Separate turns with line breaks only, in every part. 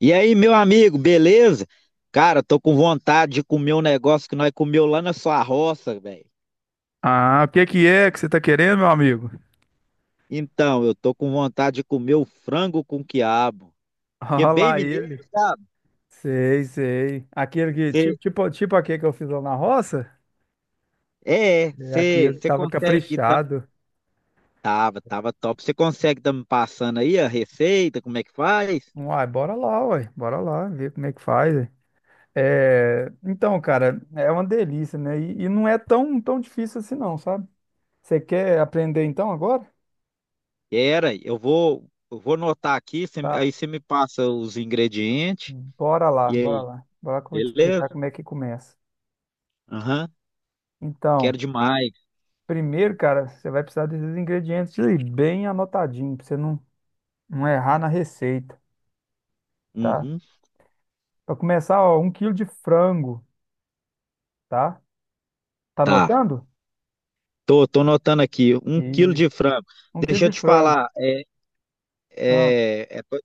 E aí, meu amigo, beleza? Cara, tô com vontade de comer um negócio que nós comeu lá na sua roça, velho.
Ah, o que que é que você tá querendo, meu amigo?
Então, eu tô com vontade de comer o frango com quiabo, que é
Olha
bem
lá ele.
mineiro, sabe?
Sei, sei. Aquele que,
Cê-
tipo aquele que eu fiz lá na roça, é
você
aquele que tava
consegue.
caprichado.
Tava, tava top. Você consegue tá me passando aí a receita, como é que faz?
Uai, bora lá, ver como é que faz. Ué. É, então, cara, é uma delícia, né? E não é tão, tão difícil assim, não, sabe? Você quer aprender então agora?
Era, eu vou anotar aqui,
Tá,
aí você me passa os ingredientes.
bora lá,
E
bora
aí,
lá. Bora que eu vou te
beleza?
explicar como é que começa.
Aham, eu quero
Então,
demais.
primeiro, cara, você vai precisar desses ingredientes aí, bem anotadinho, pra você não não errar na receita, tá?
Uhum,
Para começar, ó, 1 quilo de frango, tá? Tá
tá.
anotando?
Tô notando aqui, um quilo de
Isso.
frango.
Um quilo
Deixa eu
de
te
frango.
falar,
Ah,
é, é, pa-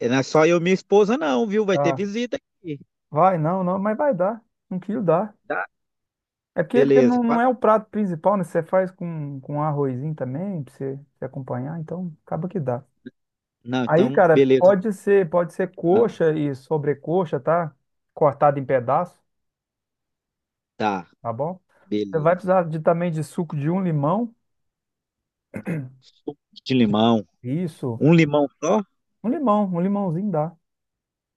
não é só eu e minha esposa não, viu? Vai ter
tá.
visita aqui,
Vai, não, não, mas vai dar. 1 quilo dá.
tá?
É porque, porque
Beleza,
não, não
quatro-
é o prato principal, né? Você faz com arrozinho também, pra você, você acompanhar, então acaba que dá.
Não,
Aí,
então,
cara,
beleza.
pode ser
Ah,
coxa e sobrecoxa, tá? Cortado em pedaço,
tá,
tá bom? Você vai
beleza.
precisar de, também de suco de um limão.
Suco de limão,
Isso.
um limão só?
Um limão, um limãozinho dá,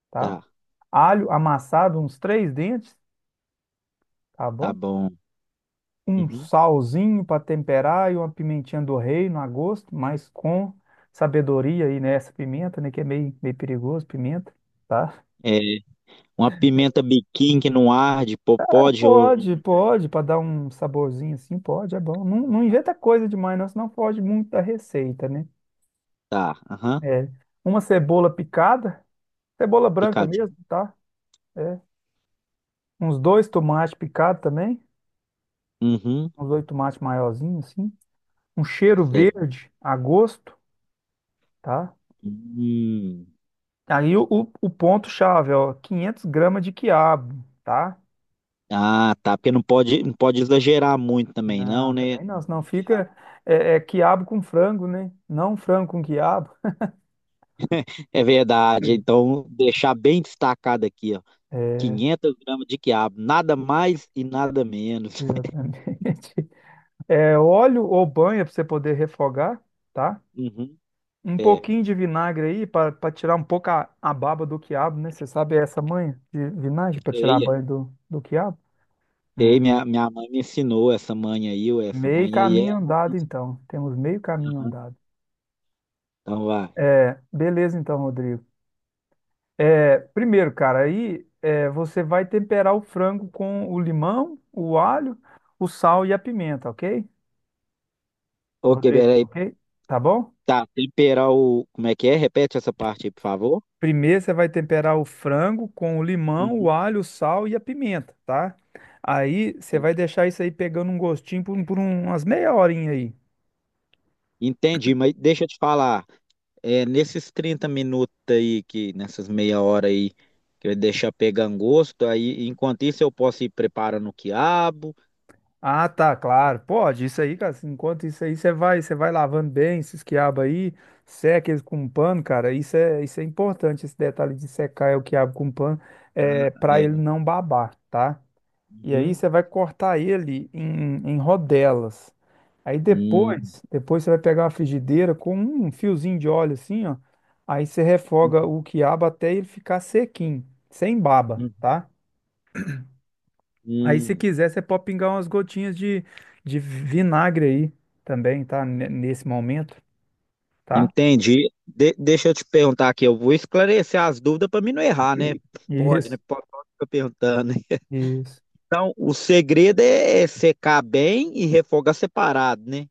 tá?
Tá,
Alho amassado, uns três dentes, tá
tá
bom?
bom.
Um
Uhum.
salzinho para temperar e uma pimentinha do reino a gosto, mas com sabedoria aí nessa pimenta, né? Que é meio, meio perigoso, pimenta, tá?
É, uma pimenta biquinho que não arde,
É,
popó de ouro.
pode, pode, para dar um saborzinho assim, pode, é bom. Não, não inventa coisa demais, não, senão foge muito da receita, né?
Tá, aham,
É, uma cebola picada, cebola branca mesmo,
picadinho.
tá? É, uns dois tomates picados também,
Uhum,
uns dois tomates maiorzinhos assim. Um cheiro
certo.
verde a gosto, tá?
Hum.
Aí o ponto-chave, ó, 500 gramas de quiabo, tá?
Ah, tá, porque não pode exagerar muito também, não,
Não,
né?
também não, senão fica é, é quiabo com frango, né? Não frango com quiabo.
É verdade. Então, deixar bem destacado aqui, ó.
É,
500 gramas de quiabo, nada mais e nada menos.
exatamente. É, óleo ou banha para você poder refogar, tá?
Uhum.
Um
É,
pouquinho de vinagre aí para tirar um pouco a baba do quiabo, né? Você sabe essa manha de vinagre para tirar a
sei,
banha do, do quiabo? Hum.
sei. Minha mãe me ensinou essa manha aí, ou essa
Meio
manha aí é.
caminho andado, então. Temos meio caminho andado.
Então, vai.
É, beleza, então, Rodrigo. É, primeiro, cara, aí é, você vai temperar o frango com o limão, o alho, o sal e a pimenta, ok?
Ok,
Rodrigo,
peraí.
ok? Tá bom?
Tá, temperar o. Como é que é? Repete essa parte aí, por favor.
Primeiro você vai temperar o frango com o limão, o
Uhum.
alho, o sal e a pimenta, tá? Aí você vai deixar isso aí pegando um gostinho por umas meia horinha aí.
Entendi, mas deixa eu te falar, nesses 30 minutos aí, que nessas meia hora aí, que eu deixar pegando gosto, aí enquanto isso eu posso ir preparando o quiabo.
Ah, tá, claro. Pode, isso aí, cara. Enquanto isso aí, você vai lavando bem esses quiabos aí, seca eles com um pano, cara. Isso é importante, esse detalhe de secar o quiabo com pano, é para ele
É.
não babar, tá? E aí
Uhum.
você vai cortar ele em, em rodelas. Aí
Hum.
depois você vai pegar uma frigideira com um fiozinho de óleo assim, ó. Aí você refoga
Uhum.
o quiabo até ele ficar sequinho, sem baba,
Uhum.
tá? Aí, se
Hum.
quiser, você pode pingar umas gotinhas de vinagre aí também, tá? Nesse momento, tá?
Entendi. Deixa eu te perguntar aqui, eu vou esclarecer as dúvidas para mim não errar, né?
Sim.
Pode, né?
Isso,
Pode, pode ficar perguntando, né?
isso.
Então, o segredo é secar bem e refogar separado, né?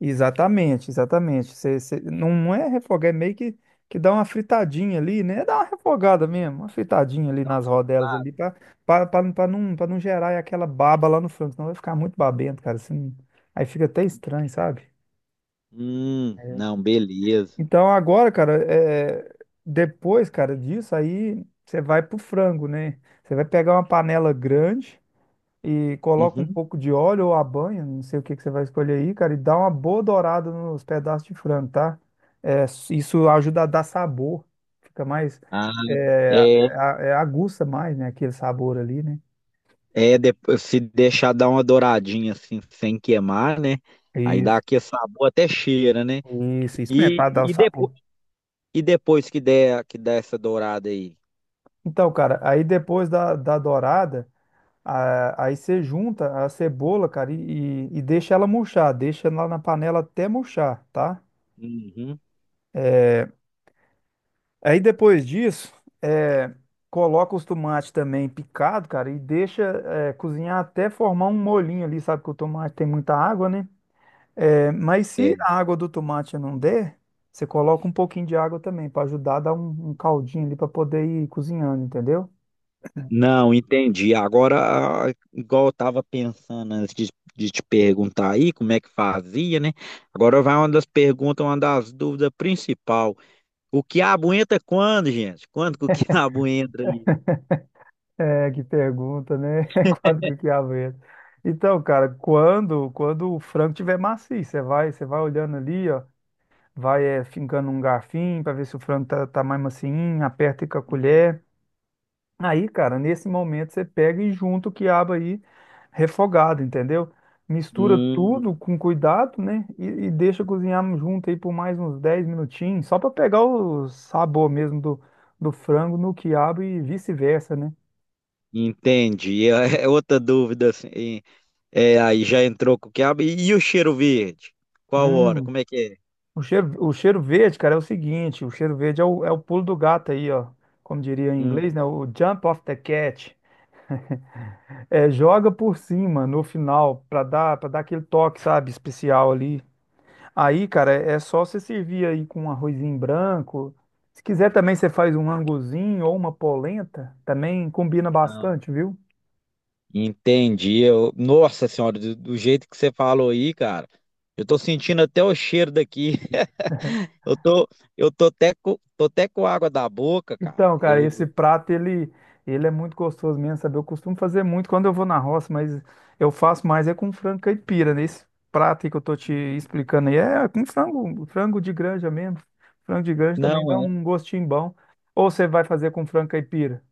Exatamente, exatamente. Você, você- não é refogar, é meio que dá uma fritadinha ali, né? Dá uma refogada
Uhum.
mesmo, uma fritadinha ali
Não,
nas rodelas ali,
separado.
pra não gerar aquela baba lá no frango, senão vai ficar muito babento, cara. Assim, aí fica até estranho, sabe?
Não, beleza.
Então agora, cara, é, depois, cara, disso aí você vai pro frango, né? Você vai pegar uma panela grande e coloca um
Uhum.
pouco de óleo ou a banha, não sei o que que você vai escolher aí, cara, e dá uma boa dourada nos pedaços de frango, tá? É, isso ajuda a dar sabor, fica mais,
Ah,
é,
é,
aguça mais, né, aquele sabor ali, né?
é depois, se deixar dar uma douradinha assim, sem queimar, né? Aí dá
Isso,
aquele sabor até cheira, né?
isso mesmo,
E,
para dar o
e depois
sabor.
E depois que der essa dourada aí?
Então, cara, aí depois da, da dourada aí você junta a cebola, cara, e deixa ela murchar, deixa lá na panela até murchar, tá?
Uhum.
É, Aí depois disso, é, coloca os tomates também picado, cara, e deixa cozinhar até formar um molhinho ali, sabe que o tomate tem muita água, né? É, mas se
É.
a água do tomate não der, você coloca um pouquinho de água também, para ajudar a dar um, um caldinho ali para poder ir cozinhando, entendeu?
Não, entendi. Agora, ah, igual eu tava pensando de te perguntar aí como é que fazia, né? Agora vai uma das perguntas, uma das dúvidas principal. O quiabo entra quando, gente? Quando que o quiabo entra aí?
É, que pergunta, né? É quando que o quiabo entra. Então, cara, quando o frango tiver macio, você vai olhando ali, ó, vai fincando um garfinho para ver se o frango tá, tá mais macinho, aperta com a
Uhum.
colher. Aí, cara, nesse momento você pega e junta o quiabo aí refogado, entendeu? Mistura
Hum,
tudo com cuidado, né? E deixa cozinhar junto aí por mais uns 10 minutinhos, só para pegar o sabor mesmo do, do frango no quiabo e vice-versa, né?
entendi. É é outra dúvida assim. É, aí já entrou com o quiabo. E o cheiro verde? Qual hora?
Hum,
Como é que é?
O cheiro verde, cara, é o seguinte, o cheiro verde é o, é o pulo do gato aí, ó. Como diria em
Hum.
inglês, né? O jump off the cat. É, joga por cima no final pra dar, para dar aquele toque, sabe, especial ali. Aí, cara, é só você servir aí com um arrozinho branco. Se quiser também você faz um anguzinho ou uma polenta, também combina bastante, viu?
Entendi. Eu... Nossa senhora, do jeito que você falou aí, cara, eu tô sentindo até o cheiro daqui. Eu tô, eu tô até com água da boca, cara.
Então, cara, esse
Eu
prato ele é muito gostoso mesmo, sabe? Eu costumo fazer muito quando eu vou na roça, mas eu faço mais é com frango caipira, né? Esse prato aí que eu tô te explicando aí é com frango, frango de granja mesmo. Frango de granja também
não
dá
é,
um gostinho bom. Ou você vai fazer com frango caipira?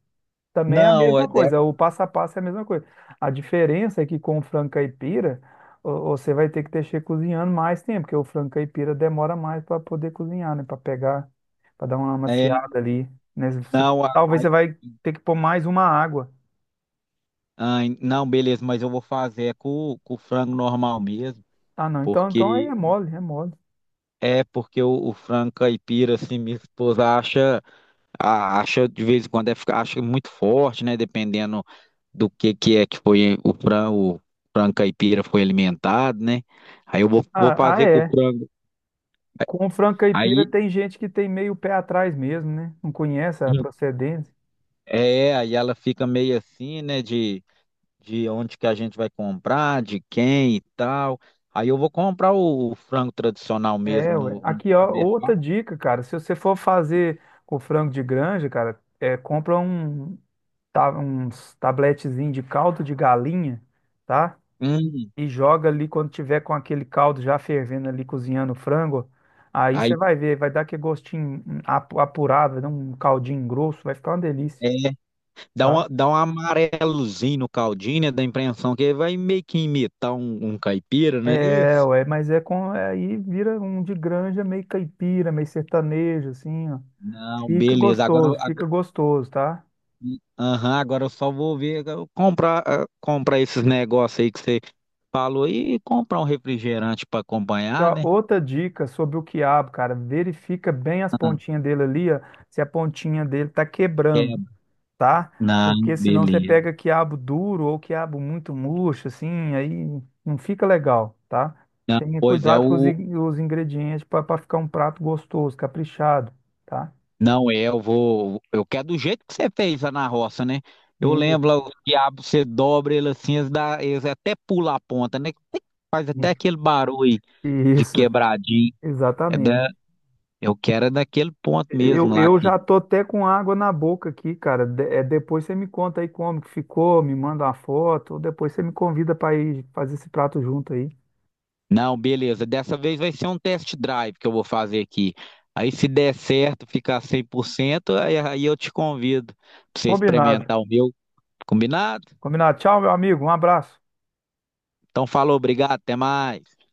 Também é a
não é,
mesma
de-
coisa, o passo a passo é a mesma coisa. A diferença é que com o frango caipira, você vai ter que deixar cozinhando mais tempo, porque o frango caipira demora mais para poder cozinhar, né? Para pegar, para dar uma
é
amaciada ali, né? Você-
não,
talvez
a-
você vai ter que pôr mais uma água.
Ai, não, beleza, mas eu vou fazer é com o frango normal mesmo,
Ah, não, então, então aí é
porque
mole, é mole.
porque o frango caipira assim, minha esposa acha de vez em quando é, acha muito forte, né? Dependendo do que é que foi o frango caipira foi alimentado, né? Aí eu vou, vou
Ah, ah,
fazer com o
é.
frango.
Com o frango caipira
Aí
tem gente que tem meio pé atrás mesmo, né? Não conhece a
em-
procedência.
É, aí ela fica meio assim, né? De onde que a gente vai comprar, de quem e tal. Aí eu vou comprar o frango tradicional mesmo
É, ué.
no, no
Aqui, ó, outra
supermercado.
dica, cara. Se você for fazer com frango de granja, cara, é, compra um, uns tabletezinho de caldo de galinha, tá?
Hum,
E joga ali quando tiver com aquele caldo já fervendo ali, cozinhando o frango. Aí você
aí
vai ver, vai dar aquele gostinho apurado, vai dar um caldinho grosso, vai ficar uma delícia,
é, dá
tá?
uma, dá um amarelozinho no caldinho, né? Da impressão que vai meio que imitar um, um caipira, não é
É,
isso?
ué, mas é com. Aí vira um de granja meio caipira, meio sertanejo, assim, ó.
Não, beleza.
Fica
Agora,
gostoso, tá?
aham, agora eu só vou ver, eu comprar, ah, comprar esses negócios aí que você falou e comprar um refrigerante para
E,
acompanhar,
ó,
né?
outra dica sobre o quiabo, cara, verifica bem as pontinhas dele ali, ó, se a pontinha dele tá quebrando,
É,
tá?
não,
Porque senão você
beleza.
pega quiabo duro ou quiabo muito murcho, assim, aí não fica legal, tá?
Não,
Tenha
pois é,
cuidado com os, os ingredientes para ficar um prato gostoso, caprichado, tá?
não é, eu vou, eu quero do jeito que você fez lá na roça, né? Eu
Isso,
lembro lá, o quiabo, você dobra ele assim, eles, dá, eles até pulam a ponta, né? Faz até aquele barulho de
isso,
quebradinho. É
exatamente.
da, eu quero é daquele ponto mesmo lá.
Eu já tô até com água na boca aqui, cara. Depois você me conta aí como que ficou, me manda uma foto, ou depois você me convida para ir fazer esse prato junto aí.
Não, beleza. Dessa vez vai ser um test drive que eu vou fazer aqui. Aí, se der certo, ficar 100%, aí eu te convido para você
Combinado.
experimentar o meu. Combinado?
Combinado. Tchau, meu amigo. Um abraço.
Então, falou, obrigado, até mais.